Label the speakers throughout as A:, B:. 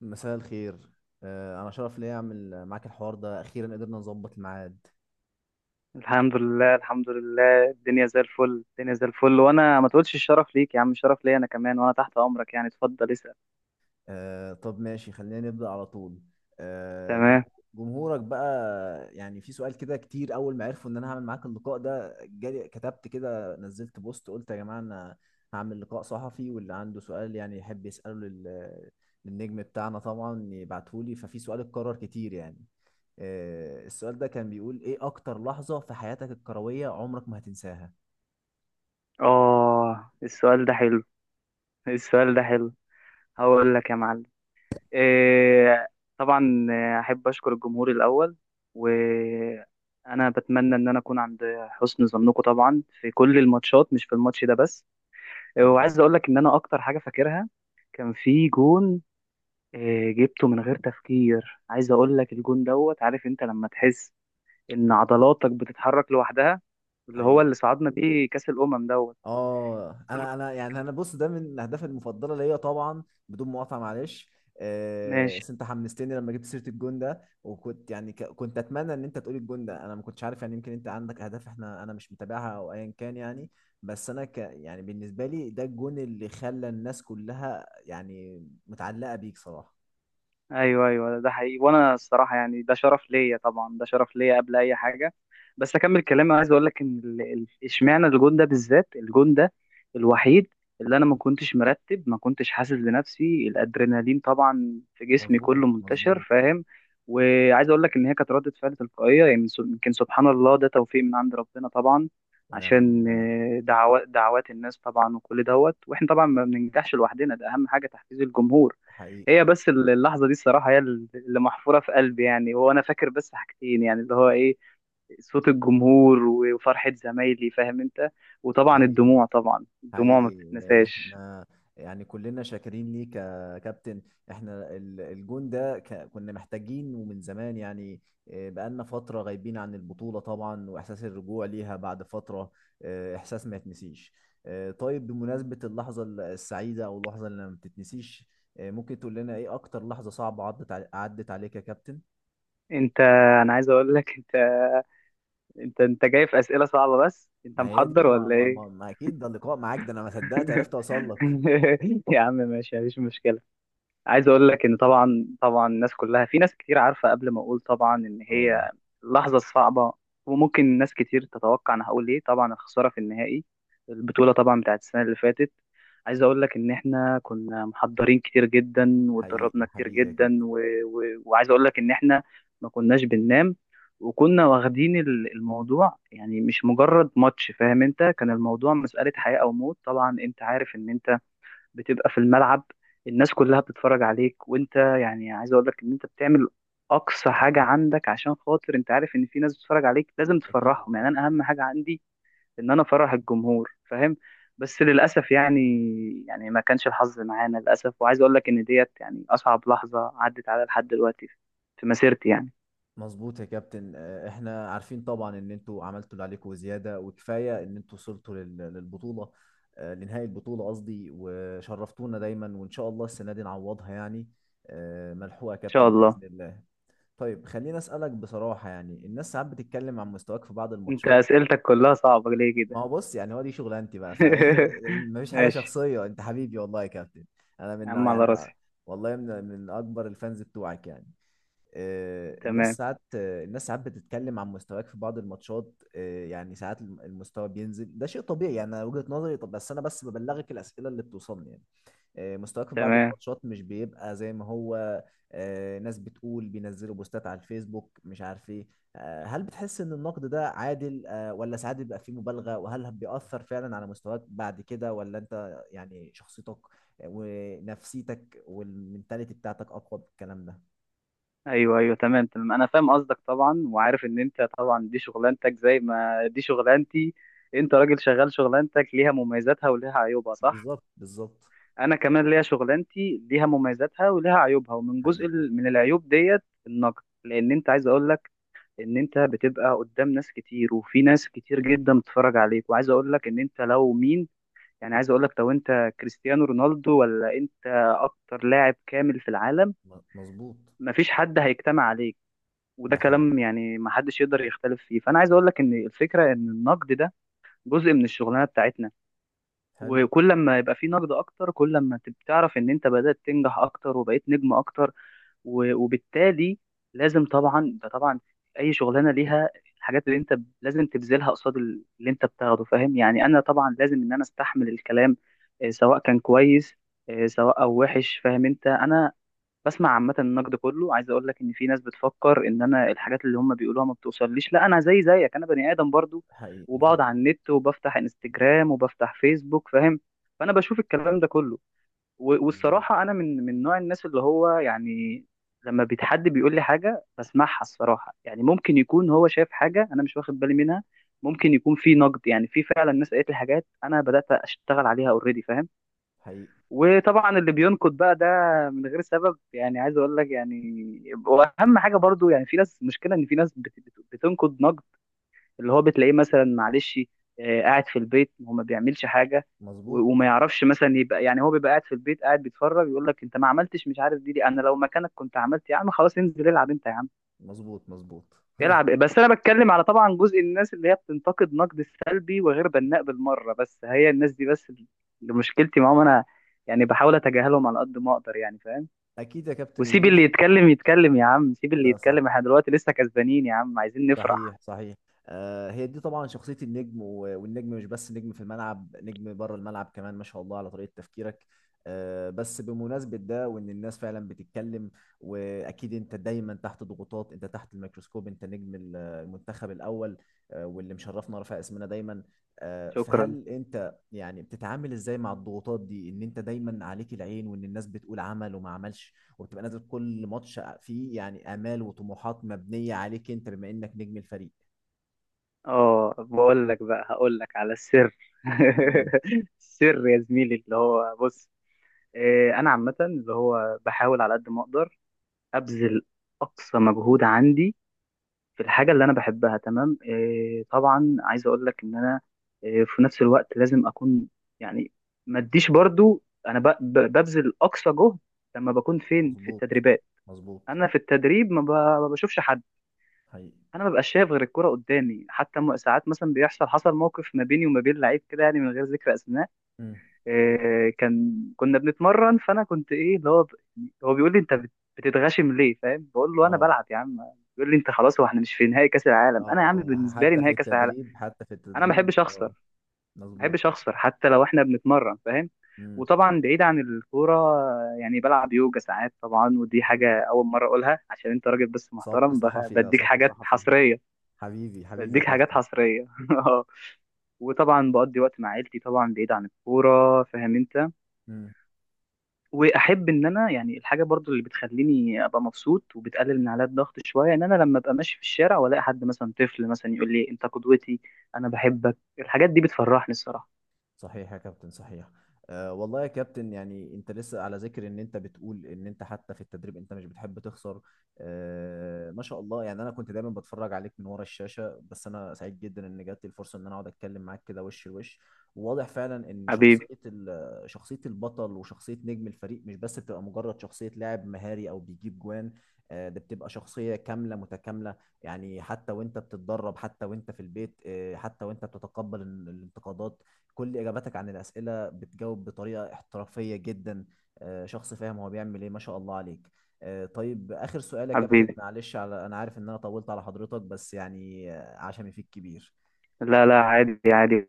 A: مساء الخير. أنا شرف ليا أعمل معاك الحوار ده، أخيرا قدرنا نظبط الميعاد.
B: الحمد لله الحمد لله، الدنيا زي الفل الدنيا زي الفل. وانا ما تقولش الشرف ليك يا عم، الشرف ليا انا كمان، وانا تحت امرك. يعني اتفضل اسأل.
A: طب ماشي، خلينا نبدأ على طول. آه، جم-
B: تمام.
A: جمهورك بقى، يعني في سؤال كده كتير. أول ما عرفوا إن أنا هعمل معاك اللقاء ده، جالي، كتبت كده، نزلت بوست، قلت يا جماعة أنا هعمل لقاء صحفي واللي عنده سؤال يعني يحب يسأله للنجم بتاعنا طبعا يبعتهولي. ففي سؤال اتكرر كتير يعني. السؤال ده كان بيقول إيه أكتر لحظة في حياتك الكروية عمرك ما هتنساها؟
B: اه، السؤال ده حلو، السؤال ده حلو. هقول لك يا معلم. إيه طبعا، احب اشكر الجمهور الاول. وانا بتمنى ان انا اكون عند حسن ظنكم، طبعا في كل الماتشات مش في الماتش ده بس.
A: مم.
B: وعايز اقول لك ان انا اكتر حاجه فاكرها كان في جون. جبته من غير تفكير، عايز اقول لك الجون دوت، عارف انت لما تحس ان عضلاتك بتتحرك لوحدها، اللي هو
A: حقيقي.
B: اللي صعدنا بيه كاس الامم دوت.
A: اه، انا يعني انا بص، ده من الاهداف المفضله ليا طبعا. بدون مقاطعه معلش،
B: ماشي.
A: بس انت حمستني لما جبت سيره الجون ده، وكنت يعني كنت اتمنى ان انت تقول الجون ده، انا ما كنتش عارف، يعني يمكن انت عندك اهداف احنا انا مش متابعها او ايا كان يعني. بس انا ك يعني بالنسبه لي ده الجون اللي خلى الناس كلها يعني متعلقه بيك صراحه.
B: ايوه ايوه، ده حقيقي. وانا الصراحه يعني ده شرف ليا طبعا، ده شرف ليا قبل اي حاجه. بس اكمل كلامي، عايز اقول لك ان اشمعنى الجون ده بالذات، الجون ده الوحيد اللي انا ما كنتش مرتب، ما كنتش حاسس بنفسي، الادرينالين طبعا في جسمي
A: مظبوط،
B: كله منتشر،
A: مظبوط.
B: فاهم؟ وعايز اقول لك ان هي كانت ردة فعل تلقائيه يعني، يمكن سبحان الله، ده توفيق من عند ربنا طبعا.
A: ونعم
B: عشان
A: بالله.
B: دعوات دعوات الناس طبعا، وكل دوت واحنا طبعا ما بننجحش لوحدنا، ده اهم حاجه تحفيز الجمهور.
A: حقيقي،
B: هي بس اللحظة دي الصراحة هي اللي محفورة في قلبي. يعني هو أنا فاكر بس حاجتين، يعني اللي هو إيه، صوت الجمهور وفرحة زمايلي، فاهم أنت. وطبعا
A: حقيقي،
B: الدموع، طبعا الدموع ما
A: حقيقي.
B: بتتنساش.
A: احنا يعني كلنا شاكرين ليك يا كابتن. احنا الجون ده كنا محتاجين ومن زمان يعني. اه، بقالنا فترة غايبين عن البطولة طبعا، واحساس الرجوع ليها بعد فترة، اه، احساس ما يتنسيش. اه، طيب بمناسبة اللحظة السعيدة او اللحظة اللي ما بتتنسيش، اه، ممكن تقول لنا ايه اكتر لحظة صعبة عدت عدت عليك يا كابتن؟
B: أنت، أنا عايز أقول لك، أنت جاي في أسئلة صعبة، بس أنت
A: ما هي دي
B: محضر
A: ما,
B: ولا
A: ما,
B: إيه؟
A: ما, ما اكيد، ده اللقاء معاك ده انا ما صدقت عرفت اوصل لك.
B: يا عم ماشي، مفيش مشكلة. عايز اقول لك ان طبعا طبعا الناس كلها، في ناس كتير عارفه قبل ما اقول طبعا ان
A: اه.
B: هي لحظه صعبه. وممكن ناس كتير تتوقع انا هقول ايه، طبعا الخساره في النهائي البطوله، طبعا بتاعت السنه اللي فاتت. عايز اقول لك ان احنا كنا محضرين كتير جدا واتدربنا
A: حقيقي،
B: كتير
A: حقيقي يا كابتن.
B: جدا، وعايز اقول لك ان احنا ما كناش بننام. وكنا واخدين الموضوع، يعني مش مجرد ماتش، فاهم انت؟ كان الموضوع مسألة حياة او موت. طبعا انت عارف ان انت بتبقى في الملعب، الناس كلها بتتفرج عليك، وانت يعني عايز اقول لك ان انت بتعمل اقصى حاجه عندك، عشان خاطر انت عارف ان في ناس بتتفرج عليك، لازم
A: اكيد
B: تفرحهم. يعني انا
A: اكيد.
B: اهم حاجه عندي ان انا افرح الجمهور، فاهم؟ بس للاسف يعني ما كانش الحظ معانا للاسف. وعايز اقول لك ان ديت يعني اصعب لحظه عدت على لحد دلوقتي في مسيرتي. يعني ان
A: مظبوط يا كابتن. احنا عارفين طبعا ان انتوا عملتوا اللي عليكم وزياده، وكفايه ان انتوا وصلتوا للبطوله، لنهائي البطوله قصدي، وشرفتونا دايما، وان شاء الله السنه دي نعوضها يعني. ملحوقه يا
B: شاء
A: كابتن
B: الله.
A: باذن الله. طيب خليني اسالك بصراحه، يعني الناس ساعات بتتكلم عن مستواك في بعض
B: انت
A: الماتشات.
B: اسئلتك كلها صعبه ليه كده؟
A: ما هو بص، يعني هو دي شغلانتي بقى، فمفيش حاجه
B: ماشي
A: شخصيه، انت حبيبي والله يا كابتن. انا
B: يا
A: من
B: عم، على
A: يعني،
B: راسي.
A: والله من اكبر الفانز بتوعك يعني. الناس
B: تمام
A: ساعات، الناس ساعات بتتكلم عن مستواك في بعض الماتشات. يعني ساعات المستوى بينزل، ده شيء طبيعي يعني، أنا وجهة نظري. طب بس انا بس ببلغك الاسئله اللي بتوصلني يعني. مستواك في بعض
B: تمام.
A: الماتشات مش بيبقى زي ما هو. ناس بتقول، بينزلوا بوستات على الفيسبوك، مش عارف ايه. هل بتحس ان النقد ده عادل، ولا ساعات بيبقى فيه مبالغه؟ وهل بيأثر فعلا على مستواك بعد كده، ولا انت يعني شخصيتك ونفسيتك والمنتاليتي بتاعتك اقوى بالكلام ده؟
B: ايوه ايوه، تمام تمام، انا فاهم قصدك طبعا، وعارف ان انت طبعا دي شغلانتك زي ما دي شغلانتي. انت راجل شغال، شغلانتك ليها مميزاتها وليها عيوبها، صح؟
A: بالظبط، بالظبط.
B: انا كمان ليا شغلانتي، ليها مميزاتها وليها عيوبها، ومن جزء
A: حقيقي.
B: من العيوب ديت النقد. لان انت، عايز اقول لك ان انت بتبقى قدام ناس كتير، وفي ناس كتير جدا بتتفرج عليك. وعايز اقول لك ان انت لو مين، يعني عايز اقول لك لو انت كريستيانو رونالدو، ولا انت اكتر لاعب كامل في العالم،
A: مظبوط.
B: مفيش حد هيجتمع عليك. وده
A: ده حقيقي.
B: كلام يعني ما حدش يقدر يختلف فيه. فانا عايز اقول لك ان الفكره ان النقد ده جزء من الشغلانه بتاعتنا.
A: حلو.
B: وكل ما يبقى في نقد اكتر، كل ما تعرف ان انت بدات تنجح اكتر وبقيت نجم اكتر. وبالتالي لازم طبعا، ده طبعا اي شغلانه ليها الحاجات اللي انت لازم تبذلها قصاد اللي انت بتاخده، فاهم؟ يعني انا طبعا لازم ان انا استحمل الكلام، سواء كان كويس، سواء او وحش، فاهم انت؟ انا بسمع عامة النقد كله. عايز اقول لك ان في ناس بتفكر ان انا الحاجات اللي هم بيقولوها ما بتوصليش. لا، انا زي زيك، انا بني ادم برضو.
A: حقيقي.
B: وبقعد
A: حقيقي.
B: على النت، وبفتح انستجرام، وبفتح فيسبوك، فاهم؟ فانا بشوف الكلام ده كله.
A: مظبوط.
B: والصراحة انا من نوع الناس اللي هو يعني، لما بيتحد بيقول لي حاجة بسمعها الصراحة. يعني ممكن يكون هو شايف حاجة انا مش واخد بالي منها. ممكن يكون في نقد، يعني في فعلا ناس قالت لي حاجات انا بدأت اشتغل عليها اوريدي، فاهم؟
A: حقيقي.
B: وطبعا اللي بينقد بقى ده من غير سبب يعني، عايز اقول لك يعني، واهم حاجه برضو يعني، في ناس مشكله ان في ناس بتنقد نقد اللي هو بتلاقيه مثلا، معلش، قاعد في البيت هو ما بيعملش حاجه،
A: مظبوط.
B: وما يعرفش مثلا، يبقى يعني هو بيبقى قاعد في البيت، قاعد بيتفرج، يقول لك انت ما عملتش، مش عارف دي انا لو مكانك كنت عملت. يا عم خلاص انزل العب انت يا عم
A: مظبوط. مظبوط.
B: يلعب. بس انا بتكلم على طبعا جزء الناس اللي هي بتنتقد نقد سلبي وغير بناء بالمره، بس هي الناس دي بس اللي مشكلتي معاهم انا. يعني بحاول اتجاهلهم على قد ما اقدر يعني، فاهم؟
A: اكيد يا كابتن
B: وسيب اللي
A: وديش.
B: يتكلم يتكلم يا عم، سيب اللي
A: ده صح.
B: يتكلم. احنا دلوقتي لسه كسبانين يا عم، عايزين نفرح.
A: صحيح، صحيح. هي دي طبعا شخصية النجم، والنجم مش بس نجم في الملعب، نجم بره الملعب كمان. ما شاء الله على طريقة تفكيرك. بس بمناسبة ده، وإن الناس فعلا بتتكلم، وأكيد أنت دايما تحت ضغوطات، أنت تحت الميكروسكوب، أنت نجم المنتخب الأول، واللي مشرفنا رافع اسمنا دايما.
B: شكرا.
A: فهل أنت يعني بتتعامل إزاي مع الضغوطات دي، إن أنت دايما عليك العين، وإن الناس بتقول عمل وما عملش، وبتبقى نازل كل ماتش فيه يعني امال وطموحات مبنيه عليك انت بما انك نجم الفريق؟
B: اه، بقول لك بقى هقول لك على السر.
A: مم.
B: السر يا زميلي اللي هو، بص، انا عامه اللي هو بحاول على قد ما اقدر ابذل اقصى مجهود عندي في الحاجة اللي أنا بحبها. تمام. إيه طبعا، عايز أقول لك إن أنا إيه في نفس الوقت لازم أكون، يعني، ما أديش برضو. أنا ببذل أقصى جهد لما بكون فين في
A: مظبوط،
B: التدريبات.
A: مظبوط.
B: أنا في التدريب ما بشوفش حد.
A: حقيقي.
B: أنا ما ببقاش شايف غير الكرة قدامي. حتى ساعات مثلا حصل موقف ما بيني وما بين لعيب كده، يعني من غير ذكر أسماء.
A: مم.
B: كان كنا بنتمرن، فانا كنت ايه اللي هو بيقول لي انت بتتغشم ليه، فاهم؟ بقول له انا
A: اه،
B: بلعب يا عم. بيقول لي انت خلاص، هو احنا مش في نهائي كاس العالم؟ انا يا عم
A: اه. اه،
B: بالنسبه لي
A: حتى في
B: نهائي كاس العالم.
A: التدريب، حتى في
B: انا ما
A: التدريب.
B: بحبش اخسر،
A: اه،
B: ما
A: مظبوط.
B: بحبش اخسر حتى لو احنا بنتمرن، فاهم؟
A: مم.
B: وطبعا بعيد عن الكوره، يعني بلعب يوجا ساعات طبعا. ودي
A: حلو.
B: حاجه اول مره اقولها، عشان انت راجل بس
A: سبق
B: محترم،
A: صحفي، ده
B: بديك
A: سبق
B: حاجات
A: صحفي.
B: حصريه.
A: حبيبي، حبيبي يا
B: بديك حاجات
A: كابتن.
B: حصريه. وطبعا بقضي وقت مع عيلتي طبعا بعيد عن الكوره، فاهم انت؟
A: مم.
B: واحب ان انا يعني الحاجه برضو اللي بتخليني ابقى مبسوط وبتقلل من عليا الضغط شويه، ان انا لما ابقى ماشي في الشارع والاقي حد مثلا، طفل مثلا، يقول لي انت قدوتي، انا بحبك، الحاجات دي بتفرحني الصراحه.
A: صحيح يا كابتن، صحيح. أه والله يا كابتن، يعني انت لسه على ذكر ان انت بتقول ان انت حتى في التدريب انت مش بتحب تخسر. أه ما شاء الله، يعني انا كنت دايما بتفرج عليك من ورا الشاشة، بس انا سعيد جدا ان جات لي الفرصة ان انا اقعد اتكلم معاك كده وش لوش. وواضح فعلا ان
B: حبيبي،
A: شخصية شخصية البطل وشخصية نجم الفريق مش بس بتبقى مجرد شخصية لاعب مهاري او بيجيب جوان، ده بتبقى شخصية كاملة متكاملة، يعني حتى وانت بتتدرب، حتى وانت في البيت، حتى وانت بتتقبل الانتقادات، كل اجاباتك عن الاسئله بتجاوب بطريقه احترافيه جدا. شخص فاهم هو بيعمل ايه، ما شاء الله عليك. طيب اخر سؤال يا كابتن
B: حبيبي.
A: معلش، على انا عارف ان انا طولت على حضرتك، بس يعني عشمي فيك كبير.
B: لا لا، عادي عادي.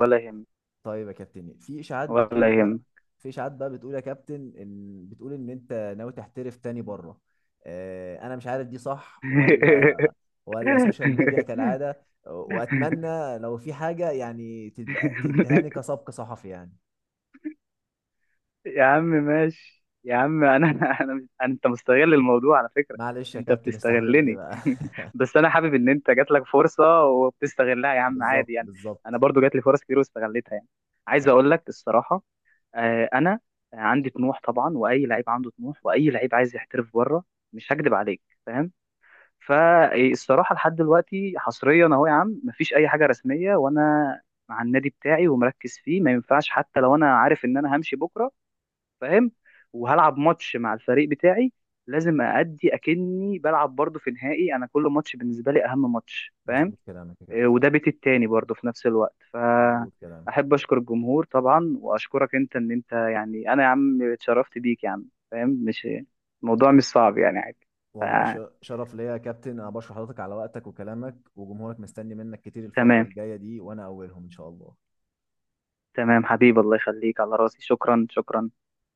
B: ولا يهم،
A: طيب يا كابتن،
B: ولا يهم.
A: في اشاعات بقى بتقول يا كابتن ان، بتقول ان انت ناوي تحترف تاني بره، انا مش عارف دي صح ولا، ولا سوشيال ميديا كالعاده، واتمنى لو في حاجه يعني تبقى تدهاني كسبق صحفي يعني.
B: يا عم ماشي يا عم. انا انا أنا- مش- انت مستغل الموضوع على فكرة.
A: معلش يا
B: انت
A: كابتن استحملني
B: بتستغلني.
A: بقى.
B: بس انا حابب ان انت جات لك فرصة وبتستغلها يا عم، عادي
A: بالظبط،
B: يعني. انا
A: بالظبط.
B: برضو جات لي فرص كتير واستغلتها يعني. عايز
A: صح.
B: اقول لك الصراحة، انا عندي طموح طبعا. واي لعيب عنده طموح، واي لعيب عايز يحترف بره، مش هكدب عليك، فاهم؟ فالصراحة لحد دلوقتي حصريا اهو يا عم، مفيش اي حاجة رسمية. وانا مع النادي بتاعي ومركز فيه، ما ينفعش حتى لو انا عارف ان انا همشي بكرة، فاهم؟ وهلعب ماتش مع الفريق بتاعي، لازم أأدي أكني بلعب برضه في نهائي. أنا كل ماتش بالنسبة لي أهم ماتش، فاهم؟
A: مظبوط كلامك يا
B: إيه،
A: كابتن.
B: وده بيتي التاني برضه في نفس الوقت.
A: مظبوط كلامك.
B: فأحب أشكر الجمهور طبعا، وأشكرك أنت إن أنت يعني، أنا يا عم اتشرفت بيك يا عم، فاهم؟ مش الموضوع مش صعب يعني، عادي. ف-
A: والله شرف ليا يا كابتن، انا بشكر حضرتك على وقتك وكلامك وجمهورك، مستني منك كتير الفترة
B: تمام.
A: الجاية دي، وانا اولهم ان شاء الله.
B: تمام حبيبي، الله يخليك، على راسي. شكرا شكرا.